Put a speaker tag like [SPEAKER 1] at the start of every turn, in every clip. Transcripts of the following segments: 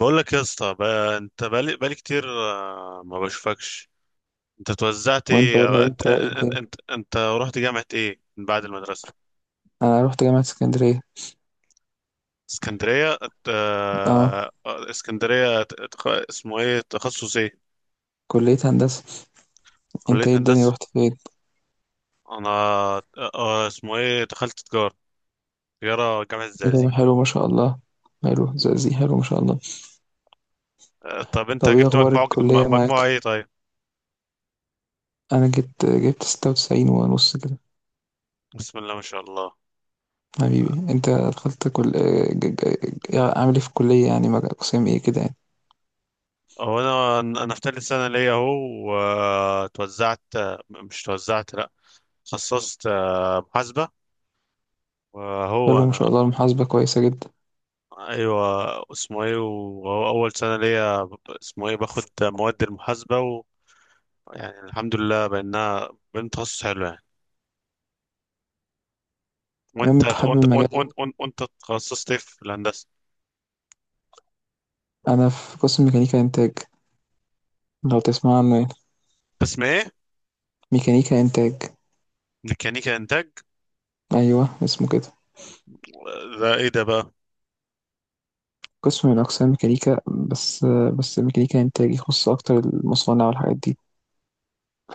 [SPEAKER 1] بقول لك يا اسطى بقى، انت بقالي كتير، ما بشوفكش. انت توزعت
[SPEAKER 2] وانت
[SPEAKER 1] ايه؟
[SPEAKER 2] والله، انت
[SPEAKER 1] انت
[SPEAKER 2] ايه
[SPEAKER 1] انت
[SPEAKER 2] الدنيا؟
[SPEAKER 1] انت, انت رحت جامعة ايه من بعد المدرسة؟
[SPEAKER 2] انا رحت جامعة اسكندرية.
[SPEAKER 1] اسكندرية
[SPEAKER 2] اه،
[SPEAKER 1] اسكندرية اسمه ايه، تخصص ايه؟
[SPEAKER 2] كلية هندسة.
[SPEAKER 1] كلية
[SPEAKER 2] انت ايه الدنيا
[SPEAKER 1] هندسة.
[SPEAKER 2] رحت فين؟
[SPEAKER 1] انا اسمه ايه، دخلت تجارة. تجارة، جامعة
[SPEAKER 2] حلو
[SPEAKER 1] الزقازيق.
[SPEAKER 2] حلو، ما شاء الله. حلو زقزي، حلو ما شاء الله.
[SPEAKER 1] طب انت
[SPEAKER 2] طب ايه
[SPEAKER 1] جبت
[SPEAKER 2] اخبار الكلية
[SPEAKER 1] مجموعة
[SPEAKER 2] معاك؟
[SPEAKER 1] ايه طيب؟
[SPEAKER 2] انا جبت 96.5 كده.
[SPEAKER 1] بسم الله ما شاء الله.
[SPEAKER 2] حبيبي انت دخلت كل عامل ايه في الكلية يعني قسم ايه كده يعني؟
[SPEAKER 1] هو انا في تالت سنة ليا اهو. وتوزعت. مش توزعت، لا. خصصت محاسبة. وهو
[SPEAKER 2] حلو ما
[SPEAKER 1] أنا.
[SPEAKER 2] شاء الله، المحاسبة كويسة جدا.
[SPEAKER 1] أيوة. اسمه إيه، وهو أول سنة ليا، اسمه إيه، باخد مواد المحاسبة. ويعني الحمد لله بأن تخصص حلو يعني.
[SPEAKER 2] المهم
[SPEAKER 1] وأنت
[SPEAKER 2] انت
[SPEAKER 1] وأنت
[SPEAKER 2] حابب
[SPEAKER 1] وأنت
[SPEAKER 2] المجال يعني؟
[SPEAKER 1] وأنت, وأنت, وأنت تخصصت إيه في الهندسة؟
[SPEAKER 2] انا في قسم ميكانيكا انتاج، لو تسمع عنه يعني.
[SPEAKER 1] قسم إيه؟
[SPEAKER 2] ميكانيكا انتاج،
[SPEAKER 1] ميكانيكا إنتاج.
[SPEAKER 2] ايوه اسمه كده.
[SPEAKER 1] ده إيه ده بقى؟
[SPEAKER 2] قسم من أقسام ميكانيكا بس، بس ميكانيكا إنتاج يخص أكتر المصانع والحاجات دي،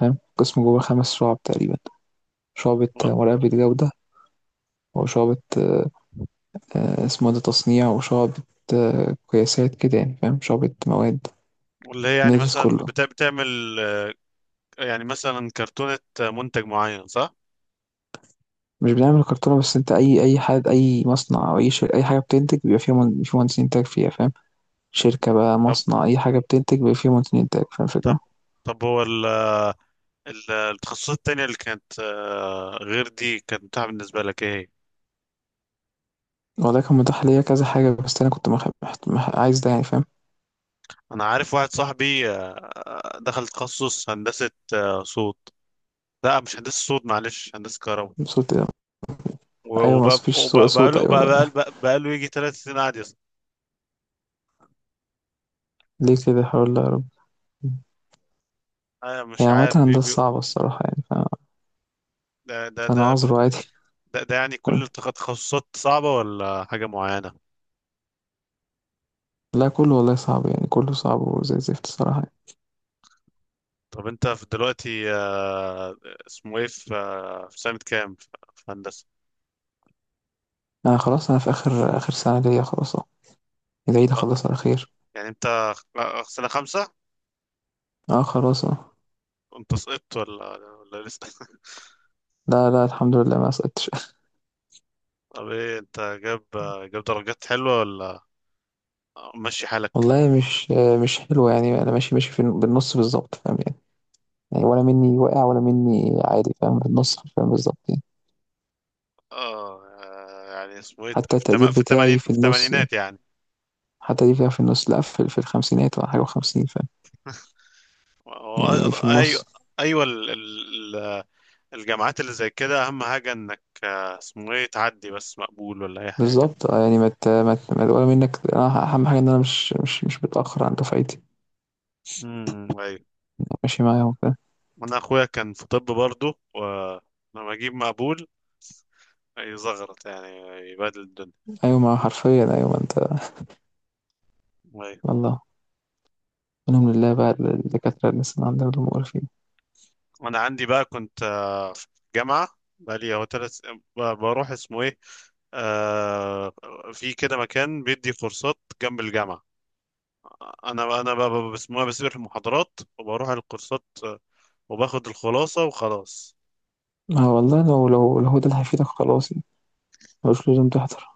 [SPEAKER 2] فاهم؟ قسم جوه خمس شعب تقريبا: شعبة مراقبة جودة، وشعبة آه، اسمه ده تصنيع، وشعبة قياسات كده يعني، فاهم؟ شعبة مواد،
[SPEAKER 1] اللي هي يعني
[SPEAKER 2] بندرس
[SPEAKER 1] مثلا
[SPEAKER 2] كله.
[SPEAKER 1] بتعمل، يعني مثلا كرتونة منتج معين، صح؟
[SPEAKER 2] مش بنعمل كرتونة بس، انت أي حد، أي مصنع أو أي شركة، أي حاجة بتنتج بيبقى فيها في مهندسين إنتاج فيها، فاهم؟ شركة
[SPEAKER 1] مم.
[SPEAKER 2] بقى،
[SPEAKER 1] طب
[SPEAKER 2] مصنع، أي حاجة بتنتج بيبقى فيها مهندسين إنتاج، فاهم الفكرة؟
[SPEAKER 1] طب طب هو التخصصات التانية اللي كانت، غير دي، كانت متاحة بالنسبة لك ايه هي؟
[SPEAKER 2] والله كان متاح ليا كذا حاجة، بس أنا كنت عايز ده يعني، فاهم؟
[SPEAKER 1] انا عارف واحد صاحبي دخل تخصص هندسة صوت. لا، مش هندسة صوت، معلش، هندسة كهرباء.
[SPEAKER 2] وصلت. أيوة بس مفيش سوء
[SPEAKER 1] وبقاله
[SPEAKER 2] صوت،
[SPEAKER 1] بقاله
[SPEAKER 2] أيوة، لا.
[SPEAKER 1] بقاله بقاله يجي 3 سنين قاعد يصل.
[SPEAKER 2] ليه كده؟ حول الله يا رب.
[SPEAKER 1] انا
[SPEAKER 2] هي
[SPEAKER 1] مش
[SPEAKER 2] عامة
[SPEAKER 1] عارف بي
[SPEAKER 2] هندسة
[SPEAKER 1] بي
[SPEAKER 2] صعبة الصراحة يعني،
[SPEAKER 1] ده ده ده
[SPEAKER 2] فأنا عذره عادي.
[SPEAKER 1] ده يعني كل
[SPEAKER 2] فاهم؟
[SPEAKER 1] التخصصات صعبة ولا حاجة معينة؟
[SPEAKER 2] لا، كله والله صعب يعني، كله صعب وزي الزفت الصراحة يعني.
[SPEAKER 1] طب انت في دلوقتي، اسمه ايه، في سنة كام في في هندسة؟
[SPEAKER 2] أنا خلاص، أنا في آخر آخر سنة ليا، خلاص أهو. العيد
[SPEAKER 1] آه،
[SPEAKER 2] أخلص على خير.
[SPEAKER 1] يعني انت سنة خمسة؟
[SPEAKER 2] أه، خلاص أهو.
[SPEAKER 1] انت سقطت ولا لسه؟
[SPEAKER 2] لا لا، الحمد لله ما سقطتش.
[SPEAKER 1] طب ايه، انت جاب درجات حلوة، ولا ماشي حالك؟
[SPEAKER 2] والله مش حلو يعني. أنا ماشي ماشي في بالنص بالظبط، فاهم يعني؟ يعني ولا مني واقع ولا مني عادي، فاهم؟ بالنص، فاهم، بالظبط يعني.
[SPEAKER 1] اه، يعني اسمه ايه
[SPEAKER 2] حتى التقدير بتاعي
[SPEAKER 1] في
[SPEAKER 2] في النص يعني،
[SPEAKER 1] التمانينات يعني.
[SPEAKER 2] حتى دي فيها في النص، لا في الخمسينات ولا حاجة، وخمسين يعني، في
[SPEAKER 1] ايوه،
[SPEAKER 2] النُص.
[SPEAKER 1] ايوه، الجامعات اللي زي كده اهم حاجة انك اسمه ايه تعدي بس مقبول ولا اي حاجة.
[SPEAKER 2] بالضبط، يعني ما ت ما ت ما ولا منّك أنا. أهم حاجة إن أنا مش متأخّر عن دفعتي، أنا
[SPEAKER 1] ايوه.
[SPEAKER 2] ماشي معاهم، فاهم؟
[SPEAKER 1] انا اخويا كان في طب برضه، ولما اجيب مقبول يزغرط يعني، يبهدل الدنيا.
[SPEAKER 2] أيوه، ما هو حرفيًا، أيوه ما أنت.
[SPEAKER 1] أيوة.
[SPEAKER 2] الله. منهم لله بقى الدكاترة اللي لسّه عندنا دول مقرفين.
[SPEAKER 1] انا عندي بقى، كنت في جامعه، بقالي هو تلت، بروح اسمه ايه، آه في كده مكان بيدي كورسات جنب الجامعه. انا بقى بقى- بسموها بسيب المحاضرات وبروح على الكورسات، وباخد الخلاصه وخلاص.
[SPEAKER 2] ما هو والله، لو هو ده اللي هيفيدك خلاص يعني، ما لوش لازم تحضر.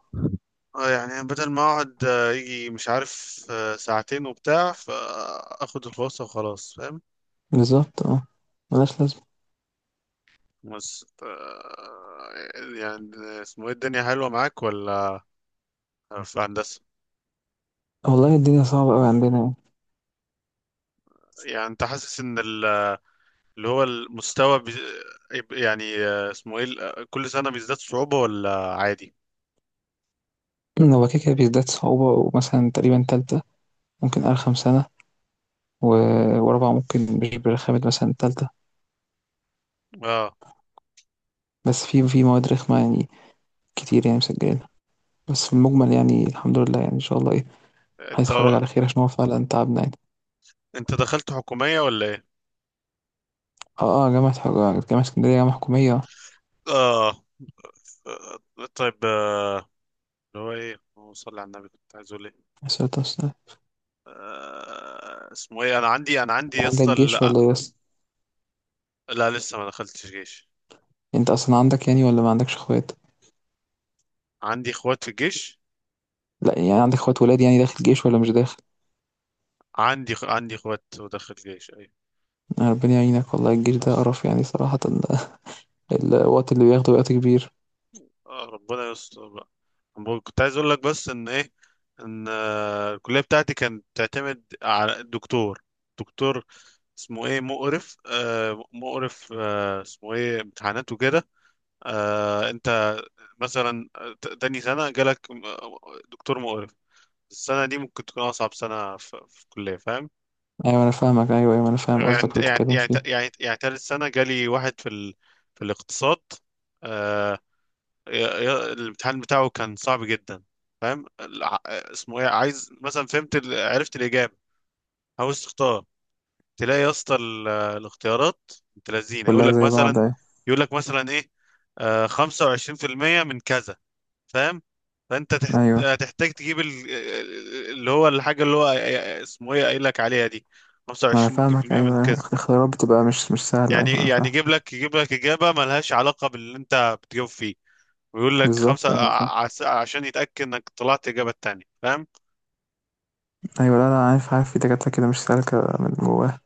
[SPEAKER 1] اه، يعني بدل ما اقعد يجي مش عارف ساعتين وبتاع، فاخد الخلاصه وخلاص، فاهم؟
[SPEAKER 2] بالضبط، ما لهاش لازمة.
[SPEAKER 1] بس يعني اسمه ايه، الدنيا حلوه معاك ولا في هندسه؟
[SPEAKER 2] والله الدنيا صعبة أوي عندنا يعني.
[SPEAKER 1] يعني انت حاسس ان ال اللي هو المستوى يعني اسمه ايه كل سنة بيزداد صعوبة ولا عادي؟
[SPEAKER 2] هو كده، كده بيزداد صعوبة. ومثلًا تقريبًا تالتة ممكن أرخم سنة، و ورابعة ممكن مش برخامة مثلًا تالتة،
[SPEAKER 1] اه.
[SPEAKER 2] بس في في مواد رخمة يعني كتير يعني مسجّلينها. بس في المجمل يعني الحمد لله، يعني ان شاء الله ايه
[SPEAKER 1] انت
[SPEAKER 2] هيتخرج على خير، عشان هو فعلا تعبنا يعني.
[SPEAKER 1] انت دخلت حكومية ولا ايه؟
[SPEAKER 2] اه اه، جامعة اسكندرية جامعة حكومية.
[SPEAKER 1] اه. طيب، اللي هو ايه، هو صلي على النبي، كنت عايز اقول ايه؟
[SPEAKER 2] يا ساتر يا ساتر.
[SPEAKER 1] اسمه ايه، انا عندي
[SPEAKER 2] انت
[SPEAKER 1] يا
[SPEAKER 2] عندك
[SPEAKER 1] اسطى.
[SPEAKER 2] جيش
[SPEAKER 1] لا،
[SPEAKER 2] ولا ايه بس؟
[SPEAKER 1] لا، لسه ما دخلتش جيش.
[SPEAKER 2] انت اصلا عندك يعني ولا ما عندكش اخوات؟
[SPEAKER 1] عندي اخوات في الجيش.
[SPEAKER 2] لا يعني عندك اخوات ولاد يعني داخل جيش ولا مش داخل؟
[SPEAKER 1] عندي اخوات ودخل جيش.
[SPEAKER 2] آه، ربنا يعينك، والله الجيش ده
[SPEAKER 1] ايوه.
[SPEAKER 2] قرف يعني صراحة. الوقت اللي بياخده وقت كبير.
[SPEAKER 1] ربنا يستر بقى. أنا كنت عايز اقول لك بس ان ايه، ان الكليه بتاعتي كانت تعتمد على الدكتور. دكتور اسمه ايه، مقرف، مقرف، اسمه ايه، امتحانات وكده. انت مثلا تاني سنه جالك دكتور مقرف، السنه دي ممكن تكون اصعب سنه في الكليه، فاهم؟
[SPEAKER 2] ايوه انا فاهمك، ايوه ايوه انا فاهم قصدك
[SPEAKER 1] يعني
[SPEAKER 2] اللي
[SPEAKER 1] يعني
[SPEAKER 2] بتتكلم
[SPEAKER 1] يعني
[SPEAKER 2] فيه.
[SPEAKER 1] يعني يعني تالت سنه جالي واحد في في الاقتصاد. آه، الامتحان بتاعه كان صعب جدا، فاهم؟ اسمه ايه، عايز مثلا عرفت الاجابه، عاوز تختار، تلاقي يا اسطى الاختيارات، انت لذينه،
[SPEAKER 2] كلها زي بعض، ايوه.
[SPEAKER 1] يقول لك مثلا ايه، 25% من كذا، فاهم؟ فانت تح-
[SPEAKER 2] ايوه
[SPEAKER 1] هتحتاج تجيب ال- اللي هو الحاجه اللي هو اسمه ايه قايل لك عليها دي،
[SPEAKER 2] ما انا فاهمك،
[SPEAKER 1] 25% من
[SPEAKER 2] ايوه
[SPEAKER 1] كذا.
[SPEAKER 2] الاختيارات بتبقى مش سهلة،
[SPEAKER 1] يعني
[SPEAKER 2] ايوه انا
[SPEAKER 1] يعني
[SPEAKER 2] فاهم.
[SPEAKER 1] يجيب لك اجابه ملهاش علاقه باللي انت بتجاوب فيه، ويقول لك
[SPEAKER 2] بالظبط
[SPEAKER 1] خمسة
[SPEAKER 2] أيوة، انا فاهم.
[SPEAKER 1] عشان يتأكد انك طلعت اجابة التانية، فاهم.
[SPEAKER 2] أيوه، لا، لا، عارف، عارف في دكاترة كده مش سالكة من جواها. أنا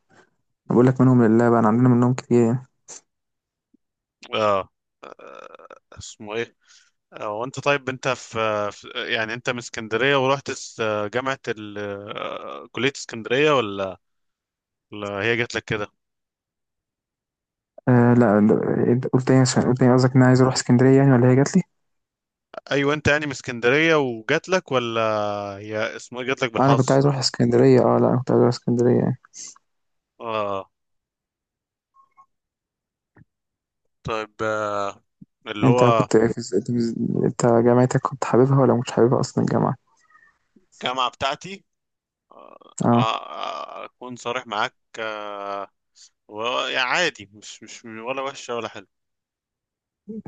[SPEAKER 2] باقول لك منهم لله بقى، أنا عندنا منهم كتير يعني.
[SPEAKER 1] اه، اسمه ايه، وانت طيب، انت في يعني انت من اسكندرية ورحت جامعة ال... آه، كلية اسكندرية، ولا ولا هي جات لك كده؟
[SPEAKER 2] لأ أنت قُلت إيه؟ عشان قُلت إيه؟ قصدك إن أنا عايز أروح إسكندرية يعني والّا هي جات لي؟
[SPEAKER 1] ايوه، انت يعني من اسكندرية وجات لك، ولا هي اسمه ايه جات لك
[SPEAKER 2] أنا كنت
[SPEAKER 1] بالحظ؟
[SPEAKER 2] عايز أروح إسكندرية، لأ أنا كنت عايز أروح إسكندرية يعني.
[SPEAKER 1] اه. طيب، اللي هو،
[SPEAKER 2] أنت أنت جامعتك كنت حاببها والّا ما كنتش حاببها أصلًا الجامعة؟
[SPEAKER 1] الجامعة بتاعتي، ما
[SPEAKER 2] آه.
[SPEAKER 1] اكون صارح معاك، يعني عادي، مش ولا وحشة ولا.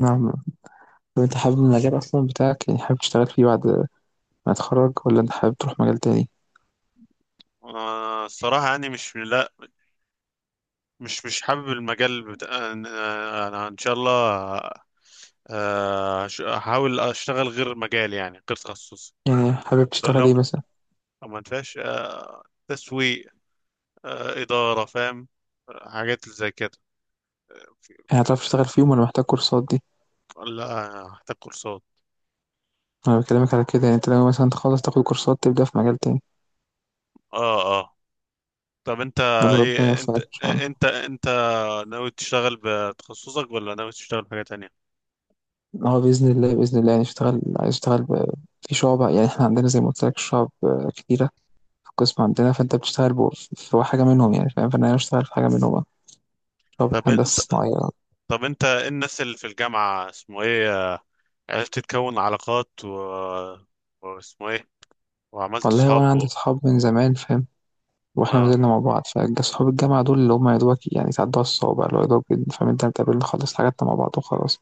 [SPEAKER 2] نعم. طب أنت حابب المجال أصلًا بتاعك يعني؟ حابب تشتغل فيه بعد ما تتخرّج والّا أنت حابب تروح مجال تاني؟
[SPEAKER 1] الصراحة يعني مش، لا، مش حابب المجال بتاع. أنا إن شاء الله هحاول أشتغل غير مجالي، يعني غير تخصصي.
[SPEAKER 2] يعني حابب
[SPEAKER 1] لو
[SPEAKER 2] تشتغل
[SPEAKER 1] لو
[SPEAKER 2] إيه مثلًا؟
[SPEAKER 1] لو ما فيهاش تسويق، إدارة، فاهم، حاجات زي كده، في-
[SPEAKER 2] يعني هتعرف
[SPEAKER 1] في-
[SPEAKER 2] تشتغل فيهم والّا محتاج كورسات دي؟
[SPEAKER 1] لا، هحتاج كورسات.
[SPEAKER 2] أنا باكلمك على كده، يعني أنت ناوي مثلًا تخلّص تاخد كورسات تبدأ في مجال تاني.
[SPEAKER 1] اه، اه. طب انت،
[SPEAKER 2] قال له ربنا
[SPEAKER 1] ايه،
[SPEAKER 2] يوفقك
[SPEAKER 1] انت
[SPEAKER 2] إن شاء الله.
[SPEAKER 1] انت انت ناوي تشتغل بتخصصك ولا ناوي تشتغل بحاجة تانية؟
[SPEAKER 2] هو بإذن الله، بإذن الله يعني اشتغل، عايز اشتغل ب، في شُعب، يعني إحنا عندنا زي ما قُلت لك شُعب كتيرة في القسم عندنا، فأنت بتشتغل ب، في حاجة منهم يعني، فاهم؟ فأنا عايز اشتغل في حاجة منهم بقى: شُعبة
[SPEAKER 1] طب انت
[SPEAKER 2] هندسة صناعية.
[SPEAKER 1] طب انت إيه الناس اللي في الجامعة، اسمه ايه، عرفت تكون علاقات واسمه ايه، وعملت
[SPEAKER 2] والله هو
[SPEAKER 1] صحاب
[SPEAKER 2] أنا عندي صحاب من زمان، فاهم؟ وإحنا ما
[SPEAKER 1] آه,
[SPEAKER 2] زلنا مع بعض، فج صحاب الجامعة دول اللي هم يا دوبك يعني تعدّوها الصوابع، اللي هو يا دوبك، فاهم؟ أنت بتقابلنا خلّصنا حاجاتنا مع بعض وخلاص.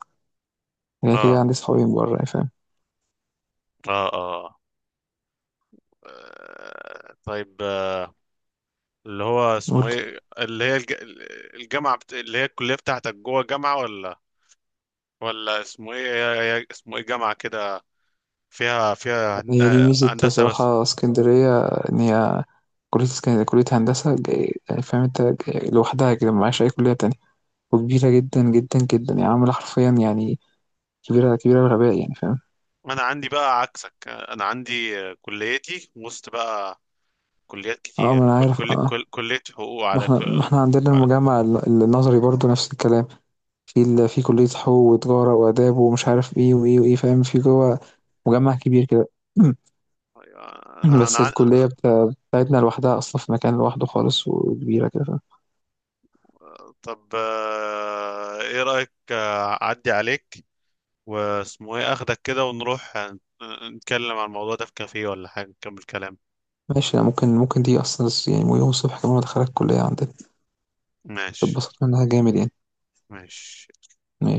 [SPEAKER 2] غير كده
[SPEAKER 1] اه،
[SPEAKER 2] عندي صحابي من برّه يعني، فاهم.
[SPEAKER 1] اه، اه. طيب، اللي هو
[SPEAKER 2] قُل
[SPEAKER 1] اسمه
[SPEAKER 2] لي.
[SPEAKER 1] ايه، اللي هي اللي هي الكلية بتاعتك جوه جامعة، ولا ولا اسمه ايه، اسمه ايه جامعة كده، فيها
[SPEAKER 2] هي دي ميزة
[SPEAKER 1] هندسة بس؟
[SPEAKER 2] صراحة اسكندرية، إن هي كلية اسكندرية كلية هندسة يعني فاهم؟ أنت لوحدها كده معاش أي كلية تانية، وكبيرة جدا جدا جدا يعني، عاملة حرفيا يعني كبيرة الغباء يعني، فاهم؟
[SPEAKER 1] انا عندي بقى عكسك، آه، انا عندي آه، كليتي وسط بقى، كليات
[SPEAKER 2] اه ما
[SPEAKER 1] كتير،
[SPEAKER 2] أنا عارف، اه.
[SPEAKER 1] كلية حقوق،
[SPEAKER 2] ما
[SPEAKER 1] على ك-
[SPEAKER 2] احنا ما احنا عندنا
[SPEAKER 1] على-
[SPEAKER 2] المجمع النظري برضو نفس الكلام، في في كلية حقوق وتجارة وآداب ومش عارف ايه وايه وايه، فاهم؟ في جوه مجمع كبير كده.
[SPEAKER 1] انا
[SPEAKER 2] بس
[SPEAKER 1] انا
[SPEAKER 2] الكلية بتاعتنا لوحدها أصلا في مكان لوحده خالص، وكبيرة كده، فاهم؟
[SPEAKER 1] طب، ايه رأيك اعدي عليك واسمه ايه اخدك كده، ونروح نتكلم عن الموضوع ده في كافيه ولا حاجة، نكمل كلام.
[SPEAKER 2] ماشي، ممكن ممكن دي، أصلا يعني يوم الصبح كمان أدخلك الكلية عندنا
[SPEAKER 1] ماشي،
[SPEAKER 2] تتبسط منها جامد
[SPEAKER 1] ماشي.
[SPEAKER 2] يعني.